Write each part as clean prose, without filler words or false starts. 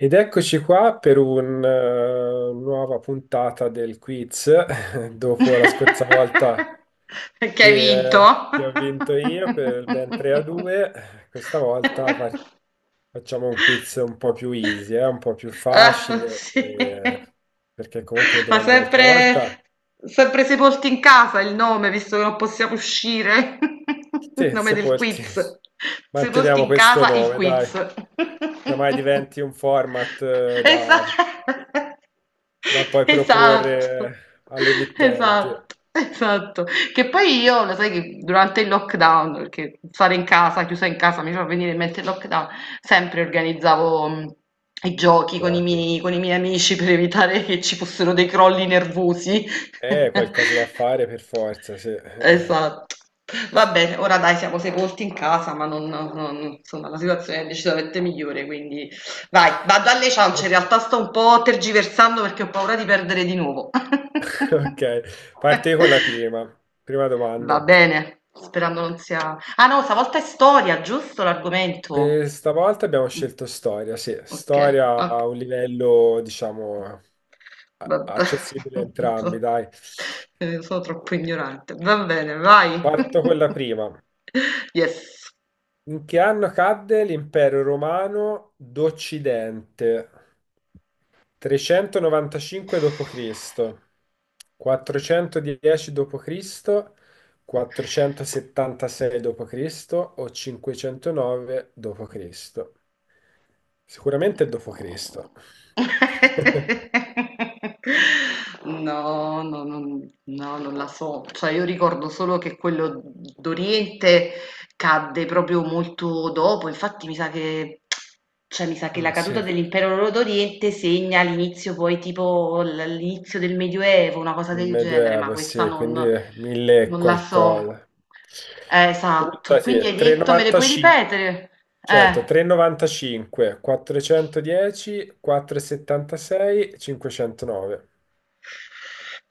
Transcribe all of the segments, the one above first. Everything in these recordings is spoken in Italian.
Ed eccoci qua per una nuova puntata del quiz, dopo la scorsa volta Perché hai che, vinto? eh, che ho vinto io per il ben 3 a 2. Questa volta facciamo un quiz un po' più easy, un po' più Ah, facile, sì. Perché comunque le Ma domande dell'altra volta, sempre, sempre Sepolti in casa il nome, visto che non possiamo uscire. Il sì, nome del sepolti. quiz. Sepolti Manteniamo in questo casa, il nome, dai, quiz. se mai diventi un format eh, da, Esa- da poi Esatto, proporre alle emittenti. esatto, esatto. Che poi io, lo sai che durante il lockdown, perché stare in casa, chiusa in casa, mi fa venire in mente il lockdown, sempre organizzavo, i giochi con i No. miei con i miei amici per evitare che ci fossero dei crolli nervosi. Qualcosa da fare per forza, sì. Esatto. Va bene, ora dai siamo sepolti in casa, ma non insomma la situazione è decisamente migliore, quindi vai, vado alle ciance, in Oh, realtà sto un po' tergiversando perché ho paura di perdere di nuovo. ok, parti con la prima. Prima domanda. Va bene, sperando non sia ah no, stavolta è storia, giusto l'argomento? Questa volta abbiamo Mh. scelto storia, sì. Okay, Storia ok, a un livello, diciamo, vabbè. accessibile a entrambi, So dai. Sono troppo ignorante. Va bene, vai. Parto con la prima. Yes. In che anno cadde l'impero romano d'Occidente? 395 d.C., 410 d.C., 476 d.C. o 509 d.C.? Sicuramente d.C. No, no, non la so. Cioè, io ricordo solo che quello d'Oriente cadde proprio molto dopo. Infatti, cioè, mi sa che la Mm, caduta sì, dell'impero d'Oriente segna l'inizio, poi, tipo, l'inizio del Medioevo, una cosa il del genere, ma Medioevo, questa sì, non, quindi mille e non la so. qualcosa. Esatto. Buttati, Quindi hai detto, me le puoi 395. ripetere? Certo, Eh. 3,95, 410, 476, 509.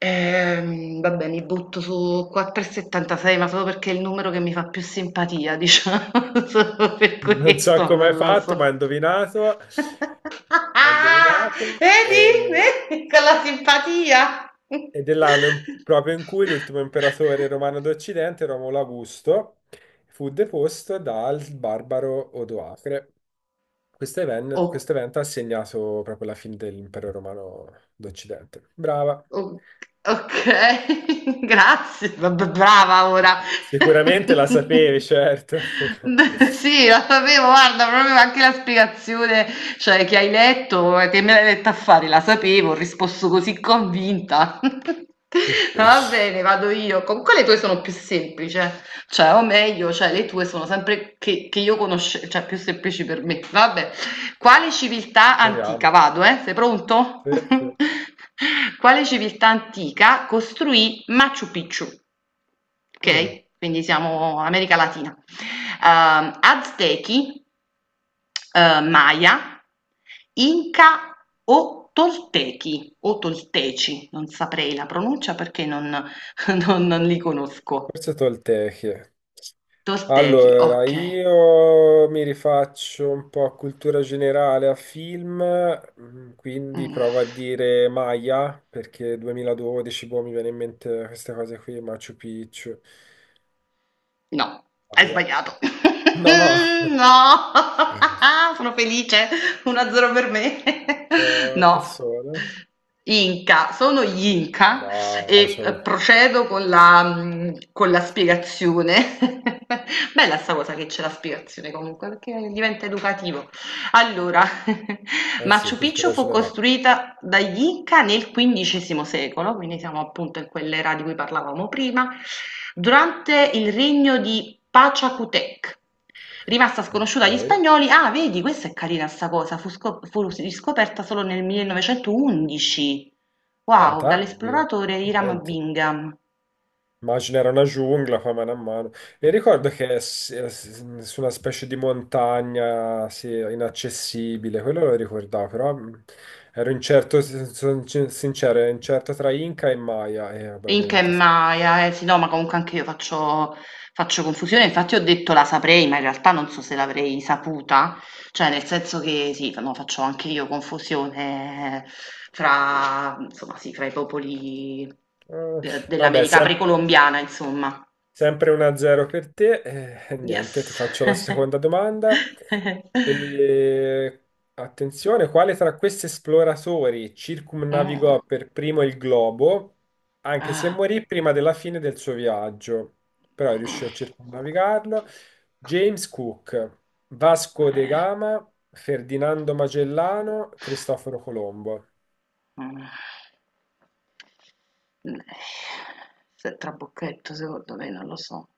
Vabbè, mi butto su 4,76, ma solo perché è il numero che mi fa più simpatia, diciamo, solo per Non so questo, ma come hai non la fatto, ma so. Hai indovinato, Vedi? Vedi? Con la simpatia. ed è l'anno proprio in cui l'ultimo imperatore romano d'Occidente, Romolo Augusto, fu deposto dal barbaro Odoacre. Questo even- Oh. questo evento ha segnato proprio la fine dell'impero romano d'Occidente. Brava. O okay, grazie. B b brava ora. Sicuramente la sapevi, certo. Beh, sì, lo sapevo, guarda, proprio anche la spiegazione, cioè, che hai letto, che me l'hai letta a fare, la sapevo, ho risposto così convinta. Va bene, vado io. Comunque le tue sono più semplici, eh. Cioè, o meglio, cioè, le tue sono sempre che io conoscevo, cioè, più semplici per me. Vabbè. Quale civiltà antica, Speriamo. vado sei pronto? Sì, sì. Quale civiltà antica costruì Machu Picchu? Mm, Ok, quindi siamo America Latina. Aztechi, Maya, Inca o Toltechi o Tolteci, non saprei la pronuncia perché non, non li conosco. Forse Tolteche. Toltechi, Allora, ok. io mi rifaccio un po' a cultura generale, a film, quindi Mm. provo a dire Maya, perché 2012, boh, mi viene in mente queste cose qui, Machu Picchu, No, hai Maya. sbagliato. No. No, sono felice, 1-0 per me. Oh, che No, sono? Inca, sono gli Inca No, e cioè, procedo con la spiegazione. Bella sta cosa che c'è la spiegazione comunque, perché diventa educativo. Allora, eh sì, Machu Picchu cultura fu generale. costruita dagli Inca nel XV secolo, quindi siamo appunto in quell'era di cui parlavamo prima, durante il regno di Pachacutec. Rimasta Ok. sconosciuta agli spagnoli, ah, vedi, questa è carina sta cosa, fu riscoperta solo nel 1911. Ah, Wow, tardi. dall'esploratore Hiram Niente. Bingham. Immagino era una giungla, poi mano a mano. E ricordo che su una specie di montagna, sì, inaccessibile, quello lo ricordavo, però ero incerto, sincero, ero incerto tra Inca e Maya, e vabbè, In che ovviamente, sì. Maya, eh sì, no, ma comunque anche io faccio confusione. Infatti, ho detto la saprei, ma in realtà non so se l'avrei saputa. Cioè, nel senso che sì, no, faccio anche io confusione fra, insomma, sì, fra i popoli Eh, vabbè, dell'America precolombiana, insomma. sempre 1-0 per te. Niente, ti Yes. faccio la seconda domanda. E, attenzione, quale tra questi esploratori Mm, circumnavigò per primo il globo, anche se ah, morì prima della fine del suo viaggio, però mm, riuscì a circumnavigarlo? James Cook, Vasco de eh, Gama, Ferdinando Magellano, Cristoforo Colombo. mm. Eh, Se è trabocchetto, secondo me, non lo so.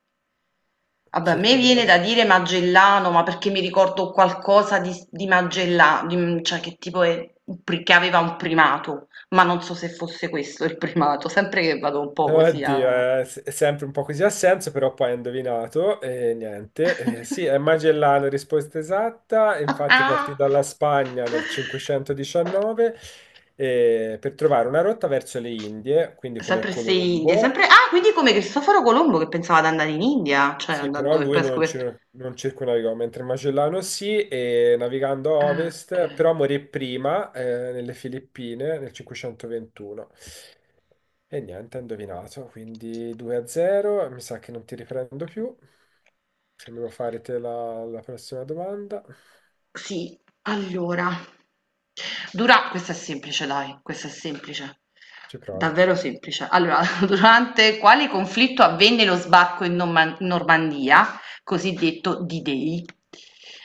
Vabbè, a me viene da Circumnavigò. dire Magellano, ma perché mi ricordo qualcosa di Magellano, cioè che tipo è, che aveva un primato, ma non so se fosse questo il primato, sempre che vado un po' così Oddio, a. è sempre un po' così a senso, però poi hai indovinato e niente. Sì, è Magellano, risposta esatta. Infatti partì dalla Spagna nel 519 per trovare una rotta verso le Indie, quindi come Sempre se Indie, Colombo. sempre. Ah, quindi come Cristoforo Colombo che pensava di andare in India, cioè Sì, però andando e lui poi ha non, scoperto. cir- non circumnavigò, mentre Magellano sì, e navigando a Ah, ok. ovest, però morì prima nelle Filippine nel 521. E niente, ha indovinato, quindi 2 a 0, mi sa che non ti riprendo più. Se mi vuoi fare te la prossima domanda, Sì, allora, dura questa è semplice dai, questa è semplice, ci provo. davvero semplice. Allora, durante quale conflitto avvenne lo sbarco in Normandia, cosiddetto D-Day?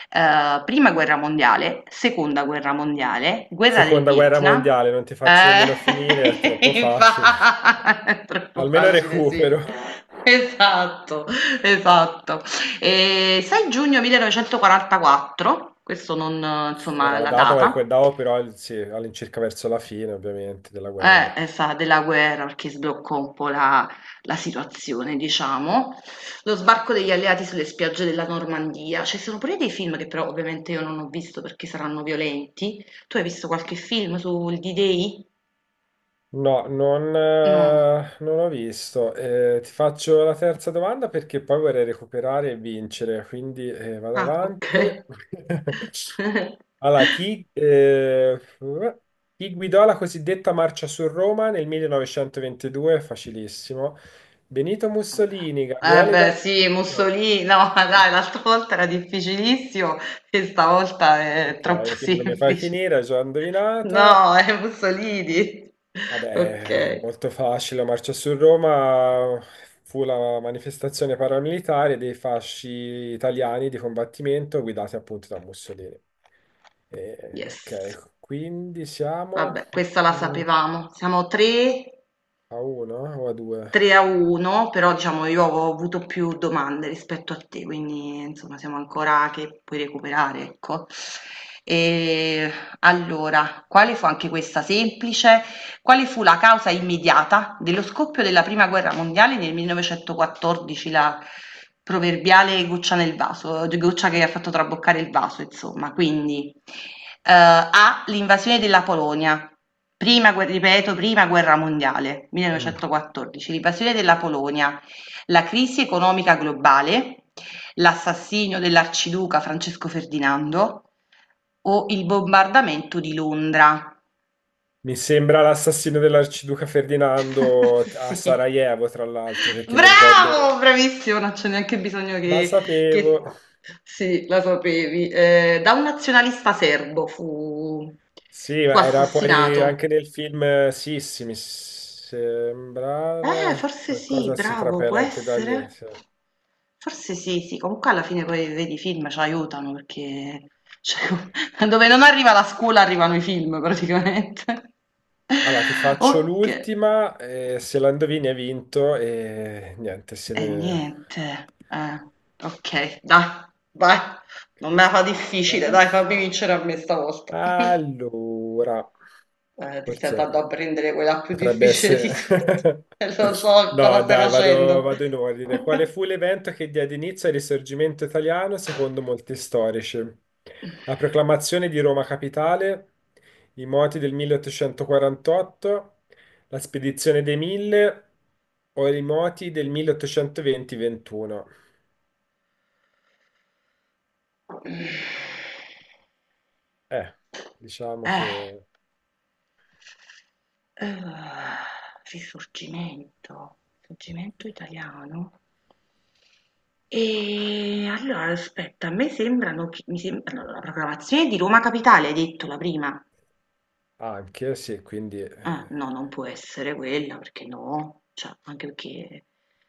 Prima guerra mondiale, seconda guerra mondiale, guerra del Seconda guerra Vietnam. mondiale, non ti faccio nemmeno finire, è Eh, troppo facile. È troppo Almeno facile, sì. recupero. Esatto, esatto. E 6 giugno 1944, questo non Ora insomma, la la data è data, quella, però sì, all'incirca verso la fine, ovviamente, della guerra. è stata della guerra perché sbloccò un po' la situazione, diciamo. Lo sbarco degli alleati sulle spiagge della Normandia. Ci sono pure dei film che però ovviamente io non ho visto perché saranno violenti. Tu hai visto qualche film sul D-Day? No, non, No. eh, non ho visto. Ti faccio la terza domanda perché poi vorrei recuperare e vincere, quindi vado Ah, ok. avanti. Allora, chi guidò la cosiddetta marcia su Roma nel 1922? Facilissimo. Benito Mussolini, Eh Gabriele beh sì, D'Annunzio. Mussolini, no dai, l'altra volta era difficilissimo e stavolta è troppo Ok, quindi non mi fai semplice. finire, già indovinata. No, è Mussolini. Vabbè, Ok, molto facile, la marcia su Roma fu la manifestazione paramilitare dei fasci italiani di combattimento guidati appunto da Mussolini. Yes. Ok, quindi siamo, Vabbè, questa la mm, sapevamo. Siamo 3, a uno o a due? 3 a 1, però diciamo io ho avuto più domande rispetto a te, quindi insomma siamo ancora che puoi recuperare, ecco. E allora, quale fu anche questa semplice? Quale fu la causa immediata dello scoppio della prima guerra mondiale nel 1914, la proverbiale goccia nel vaso, goccia che ha fatto traboccare il vaso, insomma. Quindi, A, l'invasione della Polonia, prima, ripeto, prima guerra mondiale, Mm. 1914, l'invasione della Polonia, la crisi economica globale, l'assassinio dell'arciduca Francesco Ferdinando o il bombardamento di Londra. Mi sembra l'assassino dell'arciduca Ferdinando a Sì. Sarajevo, tra l'altro, perché mi ricordo... Bravo, bravissimo, non c'è neanche bisogno La che- sapevo. Sì, la sapevi. Da un nazionalista serbo fu, Sì, fu ma era poi assassinato. anche nel film Sissi, mi sembra Forse sì, qualcosa si bravo, può trapela anche da lì, essere. sì. Forse sì, sì, comunque alla fine poi vedi i film ci aiutano perché cioè, dove non arriva la scuola arrivano i film praticamente. Allora, ti faccio Ok. l'ultima, se la indovini hai vinto e niente, si E vede. niente, ok, dai, vai, non me la fa Aspetta, difficile, eh. dai, fammi vincere a me stavolta. Allora, ti stai andando a forse. prendere quella più Potrebbe difficile di essere... tutte, e lo so cosa No, stai dai, vado, facendo. vado in ordine. Quale fu l'evento che diede inizio al risorgimento italiano secondo molti storici? La proclamazione di Roma capitale, i moti del 1848, la spedizione dei Mille o i moti del 1820-21? Eh, diciamo Eh, che eh, Risorgimento, risorgimento italiano. E allora, aspetta, a me sembrano, che- mi sembrano la proclamazione di Roma Capitale, hai detto la prima. anche, sì, quindi No, non può essere quella perché no, cioè, anche perché,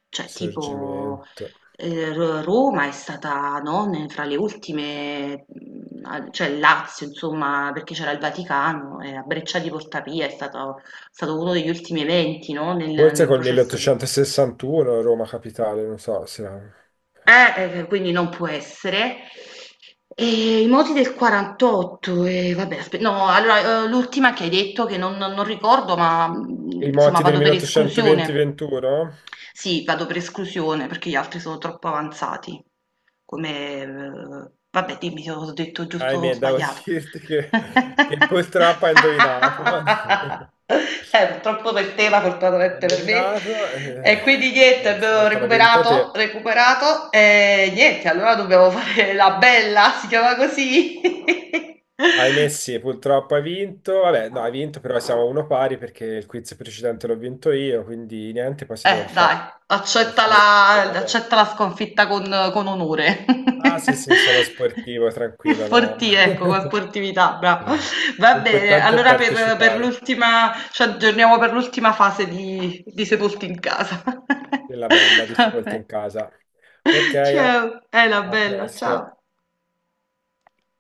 cioè, tipo, risorgimento. Roma è stata, no, fra le ultime, cioè il Lazio, insomma, perché c'era il Vaticano, e a Breccia di Portapia è stato uno degli ultimi eventi, no, nel, Forse nel col processo di. 1861 Roma capitale, non so se... Quindi non può essere. E i moti del 48, e vabbè, no, allora, l'ultima che hai detto che non ricordo, ma I insomma moti del vado per esclusione. 1820-21? Sì, vado per esclusione perché gli altri sono troppo avanzati. Come, vabbè, dimmi se ho detto giusto o Ahimè, devo sbagliato. dirti che purtroppo ha indovinato. Purtroppo per te, ma Ha fortunatamente per me. indovinato. E quindi niente, Allora, questa abbiamo volta l'ha vinta recuperato, te. recuperato e niente, allora dobbiamo fare la bella, si chiama così. Ahimè, sì, purtroppo ha vinto. Vabbè, no, ha vinto, però siamo a uno pari perché il quiz precedente l'ho vinto io, quindi niente, poi si doveva dai, fare lo accetta spareggio la per la bella. accetta la sconfitta con onore. Ah, sì, sì, sono sportivo, E tranquillo, no. sporti ecco, con sportività, brava. Eh, Va bene, L'importante è allora per partecipare, l'ultima ci aggiorniamo per l'ultima fase di Sepolti in casa. è la bella di Ascolti Vabbè. in casa. Ok, a Ciao, ela a bella, ciao. presto.